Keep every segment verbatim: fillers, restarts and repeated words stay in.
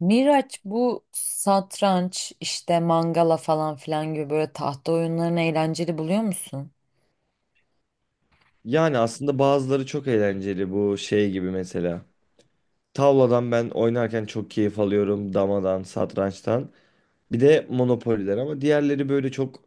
Miraç bu satranç işte mangala falan filan gibi böyle tahta oyunlarını eğlenceli buluyor musun? Yani aslında bazıları çok eğlenceli bu şey gibi mesela. Tavladan ben oynarken çok keyif alıyorum. Damadan, satrançtan. Bir de monopoliler ama diğerleri böyle çok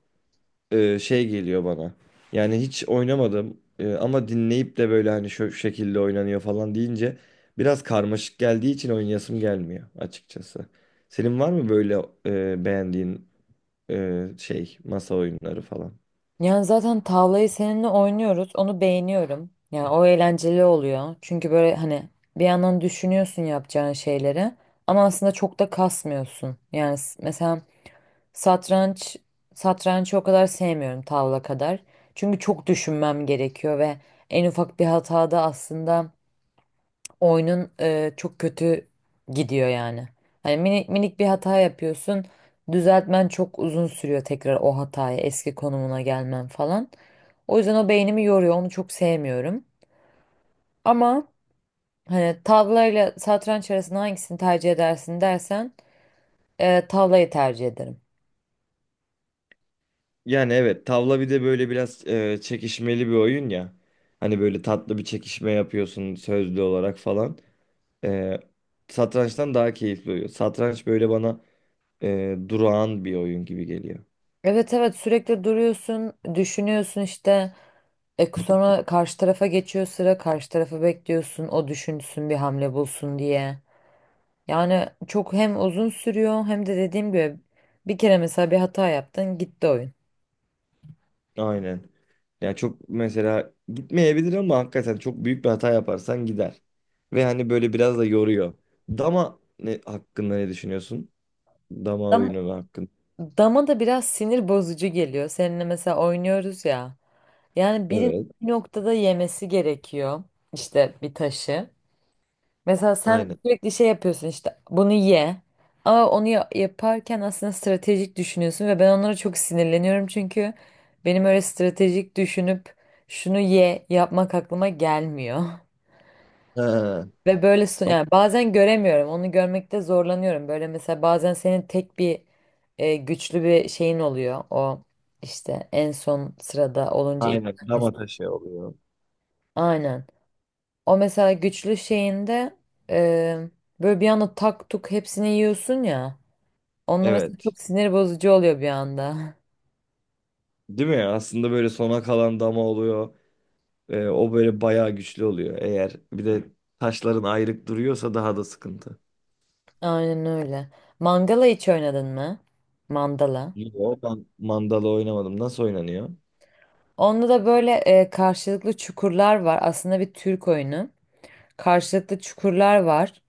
e, şey geliyor bana. Yani hiç oynamadım, e, ama dinleyip de böyle hani şu şekilde oynanıyor falan deyince biraz karmaşık geldiği için oynayasım gelmiyor açıkçası. Senin var mı böyle e, beğendiğin e, şey masa oyunları falan? Yani zaten tavlayı seninle oynuyoruz. Onu beğeniyorum. Yani o eğlenceli oluyor. Çünkü böyle hani bir yandan düşünüyorsun yapacağın şeyleri, ama aslında çok da kasmıyorsun. Yani s- mesela satranç satrançı o kadar sevmiyorum tavla kadar. Çünkü çok düşünmem gerekiyor ve en ufak bir hatada aslında oyunun e, çok kötü gidiyor yani. Hani minik minik bir hata yapıyorsun. Düzeltmen çok uzun sürüyor tekrar o hataya, eski konumuna gelmen falan. O yüzden o beynimi yoruyor. Onu çok sevmiyorum. Ama hani tavlayla satranç arasında hangisini tercih edersin dersen e, tavlayı tercih ederim. Yani evet, tavla bir de böyle biraz e, çekişmeli bir oyun ya. Hani böyle tatlı bir çekişme yapıyorsun sözlü olarak falan. E, Satrançtan daha keyifli oluyor. Satranç böyle bana e, durağan bir oyun gibi geliyor. Evet evet, sürekli duruyorsun, düşünüyorsun işte. E, sonra karşı tarafa geçiyor sıra, karşı tarafı bekliyorsun, o düşünsün bir hamle bulsun diye. Yani çok hem uzun sürüyor hem de dediğim gibi bir kere mesela bir hata yaptın, gitti oyun. Aynen. Yani çok mesela gitmeyebilir ama hakikaten çok büyük bir hata yaparsan gider. Ve hani böyle biraz da yoruyor. Dama ne hakkında ne düşünüyorsun? Dama Dam, oyunu hakkında. Dama da biraz sinir bozucu geliyor. Seninle mesela oynuyoruz ya. Yani Evet. birinin bir noktada yemesi gerekiyor işte bir taşı. Mesela sen Aynen. sürekli şey yapıyorsun, işte bunu ye. Ama onu ya- yaparken aslında stratejik düşünüyorsun ve ben onlara çok sinirleniyorum çünkü benim öyle stratejik düşünüp şunu ye yapmak aklıma gelmiyor. He. Ve böyle so- Ama yani bazen göremiyorum. Onu görmekte zorlanıyorum. Böyle mesela bazen senin tek bir e, güçlü bir şeyin oluyor. O işte en son sırada olunca ilk aynen, tanesi. dama taşı oluyor. Aynen. O mesela güçlü şeyinde e, böyle bir anda tak tuk hepsini yiyorsun ya. Onunla mesela Evet. çok sinir bozucu oluyor bir anda. Değil mi? Aslında böyle sona kalan dama oluyor. Ee, o böyle bayağı güçlü oluyor. Eğer bir de taşların ayrık duruyorsa daha da sıkıntı. Aynen öyle. Mangala hiç oynadın mı? Mandala. Yo, ben mandala oynamadım. Nasıl oynanıyor? Onda da böyle e, karşılıklı çukurlar var. Aslında bir Türk oyunu. Karşılıklı çukurlar var.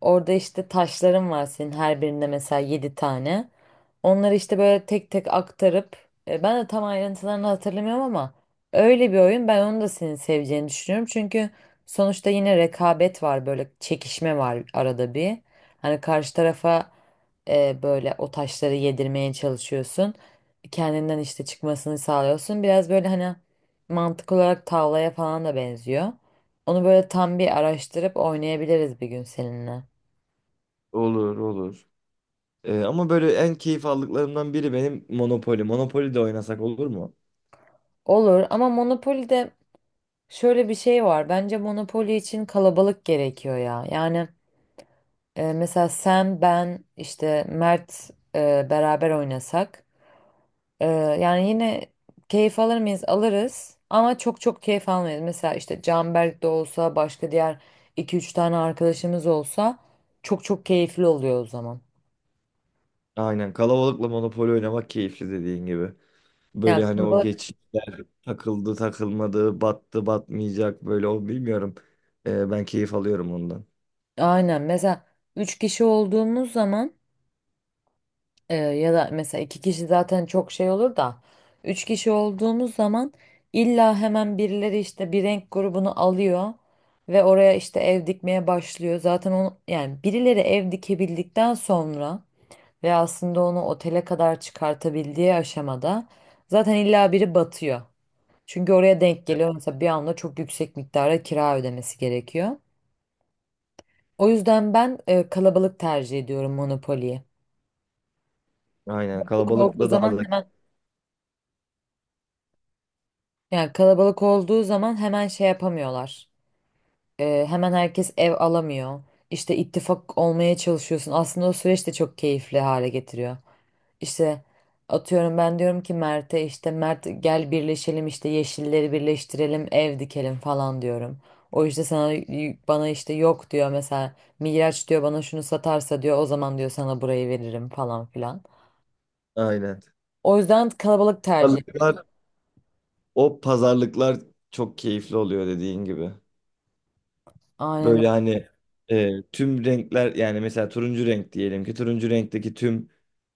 Orada işte taşların var senin, her birinde mesela yedi tane. Onları işte böyle tek tek aktarıp e, ben de tam ayrıntılarını hatırlamıyorum, ama öyle bir oyun. Ben onu da senin seveceğini düşünüyorum. Çünkü sonuçta yine rekabet var, böyle çekişme var arada bir. Hani karşı tarafa e, böyle o taşları yedirmeye çalışıyorsun. Kendinden işte çıkmasını sağlıyorsun. Biraz böyle hani mantık olarak tavlaya falan da benziyor. Onu böyle tam bir araştırıp oynayabiliriz bir gün seninle. Olur olur. Ee, ama böyle en keyif aldıklarımdan biri benim Monopoly. Monopoly de oynasak olur mu? Olur ama Monopoly'de şöyle bir şey var. Bence Monopoly için kalabalık gerekiyor ya. Yani e, mesela sen, ben, işte Mert e, beraber oynasak. e, Yani yine keyif alır mıyız? Alırız. Ama çok çok keyif almayız. Mesela işte Canberk de olsa, başka diğer iki üç tane arkadaşımız olsa çok çok keyifli oluyor o zaman. Aynen, kalabalıkla Monopoly oynamak keyifli dediğin gibi. Yani Böyle hani o kalabalık. geç takıldı takılmadı, battı batmayacak böyle, o bilmiyorum. Ee, ben keyif alıyorum ondan. Aynen. Mesela üç kişi olduğumuz zaman, Ee, ya da mesela iki kişi zaten çok şey olur da, üç kişi olduğumuz zaman illa hemen birileri işte bir renk grubunu alıyor ve oraya işte ev dikmeye başlıyor. Zaten onu, yani birileri ev dikebildikten sonra ve aslında onu otele kadar çıkartabildiği aşamada zaten illa biri batıyor. Çünkü oraya denk geliyor, mesela bir anda çok yüksek miktara kira ödemesi gerekiyor. O yüzden ben e, kalabalık tercih ediyorum Monopoly'yi. Aynen, Korktuğu kalabalıkla daha zaman da hemen, yani kalabalık olduğu zaman hemen şey yapamıyorlar. Ee, hemen herkes ev alamıyor. İşte ittifak olmaya çalışıyorsun. Aslında o süreç de çok keyifli hale getiriyor. İşte atıyorum, ben diyorum ki Mert'e, işte Mert gel birleşelim, işte yeşilleri birleştirelim, ev dikelim falan diyorum. O işte sana, bana işte yok diyor, mesela Miraç diyor bana, şunu satarsa diyor o zaman diyor sana burayı veririm falan filan. aynen. O yüzden kalabalık tercih. Pazarlıklar, o pazarlıklar çok keyifli oluyor dediğin gibi. Aynen. Böyle hani e, tüm renkler, yani mesela turuncu renk diyelim, ki turuncu renkteki tüm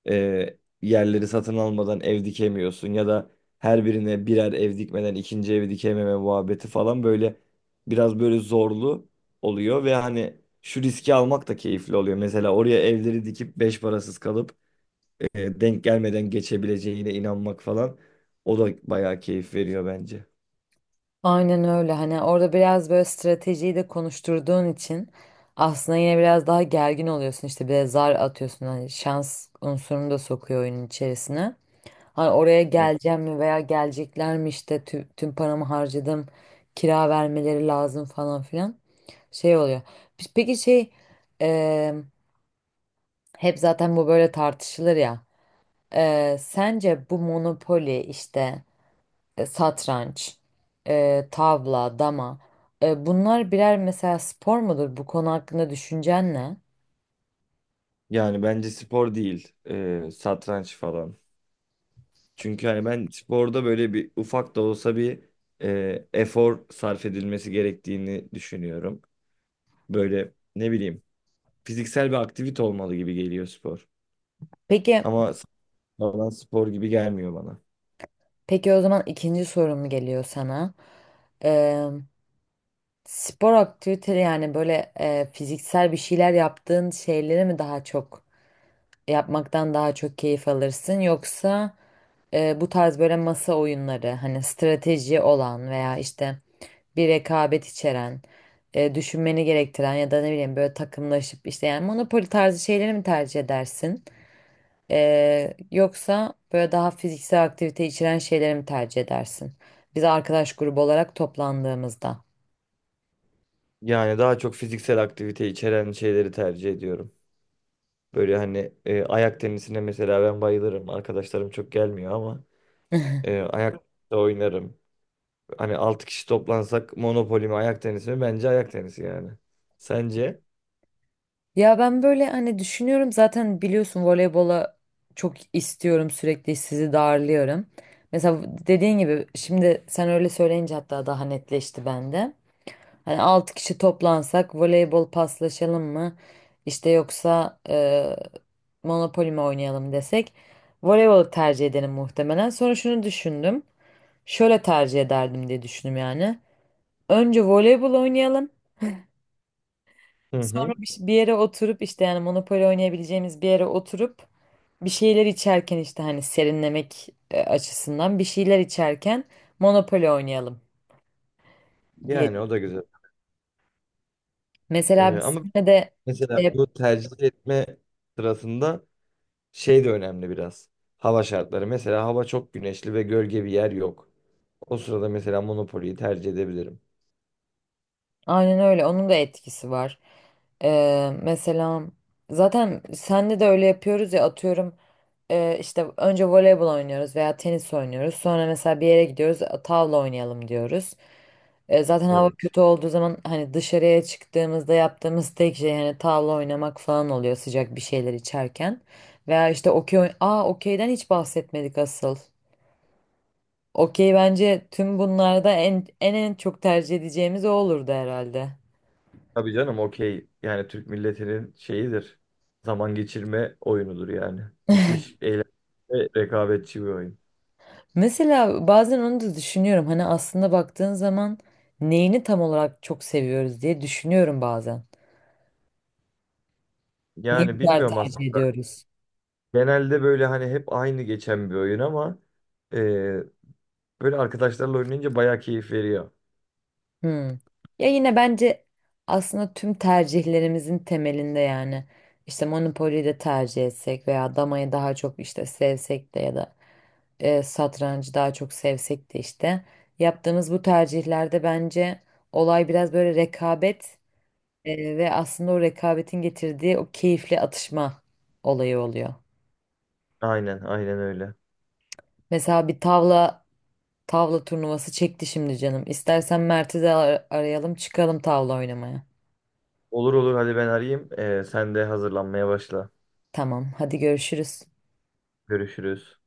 e, yerleri satın almadan ev dikemiyorsun ya da her birine birer ev dikmeden ikinci evi dikememe muhabbeti falan, böyle biraz böyle zorlu oluyor ve hani şu riski almak da keyifli oluyor. Mesela oraya evleri dikip beş parasız kalıp, e, denk gelmeden geçebileceğine inanmak falan, o da bayağı keyif veriyor bence. Aynen öyle. Hani orada biraz böyle stratejiyi de konuşturduğun için aslında yine biraz daha gergin oluyorsun. İşte bir de zar atıyorsun. Hani şans unsurunu da sokuyor oyunun içerisine. Hani oraya geleceğim mi veya gelecekler mi, işte tü- tüm paramı harcadım. Kira vermeleri lazım falan filan. Şey oluyor. Pe- Peki şey, e, hep zaten bu böyle tartışılır ya. E, sence bu Monopoly işte, e, satranç, e, tavla, dama. E, bunlar birer mesela spor mudur? Bu konu hakkında düşüncen ne? Yani bence spor değil, e, satranç falan. Çünkü hani ben sporda böyle bir ufak da olsa bir e, efor sarf edilmesi gerektiğini düşünüyorum. Böyle ne bileyim, fiziksel bir aktivite olmalı gibi geliyor spor. Peki, Ama falan spor gibi gelmiyor bana. peki o zaman ikinci sorum geliyor sana. E, Spor aktiviteleri, yani böyle e, fiziksel bir şeyler yaptığın şeyleri mi daha çok yapmaktan daha çok keyif alırsın, yoksa e, bu tarz böyle masa oyunları, hani strateji olan veya işte bir rekabet içeren, e, düşünmeni gerektiren ya da ne bileyim böyle takımlaşıp işte, yani monopoli tarzı şeyleri mi tercih edersin? E, yoksa böyle daha fiziksel aktivite içeren şeyleri mi tercih edersin? Biz arkadaş grubu olarak toplandığımızda. Yani daha çok fiziksel aktivite içeren şeyleri tercih ediyorum. Böyle hani e, ayak tenisine mesela ben bayılırım. Arkadaşlarım çok gelmiyor ama e, ayak da oynarım. Hani altı kişi toplansak Monopoly mi, ayak tenisi mi? Bence ayak tenisi yani. Sence? Ya ben böyle hani düşünüyorum, zaten biliyorsun voleybola çok istiyorum, sürekli sizi darlıyorum. Mesela dediğin gibi şimdi sen öyle söyleyince hatta daha netleşti bende. Hani altı kişi toplansak voleybol paslaşalım mı? İşte yoksa e, Monopoly mi oynayalım desek, voleybolu tercih ederim muhtemelen. Sonra şunu düşündüm. Şöyle tercih ederdim diye düşündüm yani. Önce voleybol oynayalım. Hı Sonra hı. bir, bir yere oturup, işte yani Monopoly oynayabileceğimiz bir yere oturup bir şeyler içerken, işte hani serinlemek e, açısından bir şeyler içerken Monopoly oynayalım diye. Yani o da güzel. Mesela Ee, biz Ama de mesela bu tercih etme sırasında şey de önemli biraz. Hava şartları. Mesela hava çok güneşli ve gölge bir yer yok. O sırada mesela Monopoly'yi tercih edebilirim. aynen öyle. Onun da etkisi var. Ee, mesela zaten senle de öyle yapıyoruz ya, atıyorum e, işte önce voleybol oynuyoruz veya tenis oynuyoruz. Sonra mesela bir yere gidiyoruz, e, tavla oynayalım diyoruz. E, zaten hava Evet. kötü olduğu zaman hani dışarıya çıktığımızda yaptığımız tek şey hani tavla oynamak falan oluyor, sıcak bir şeyler içerken. Veya işte okey oyn- Aa, okeyden hiç bahsetmedik asıl. Okey bence tüm bunlarda en en en çok tercih edeceğimiz o olurdu herhalde. Tabii canım, okey. Yani Türk milletinin şeyidir. Zaman geçirme oyunudur yani. Müthiş eğlenceli ve rekabetçi bir oyun. Mesela bazen onu da düşünüyorum. Hani aslında baktığın zaman neyini tam olarak çok seviyoruz diye düşünüyorum bazen. Niye Yani bu kadar bilmiyorum aslında. tercih ediyoruz? Genelde böyle hani hep aynı geçen bir oyun ama e, böyle arkadaşlarla oynayınca bayağı keyif veriyor. Hmm. Ya yine bence aslında tüm tercihlerimizin temelinde, yani işte Monopoly'yi de tercih etsek veya damayı daha çok işte sevsek de, ya da e, satrancı daha çok sevsek de, işte yaptığımız bu tercihlerde bence olay biraz böyle rekabet. Ee, ve aslında o rekabetin getirdiği o keyifli atışma olayı oluyor. Aynen, aynen öyle. Mesela bir tavla tavla turnuvası çekti şimdi canım. İstersen Mert'i de ar- arayalım, çıkalım tavla oynamaya. Olur olur, hadi ben arayayım. Ee, sen de hazırlanmaya başla. Tamam, hadi görüşürüz. Görüşürüz.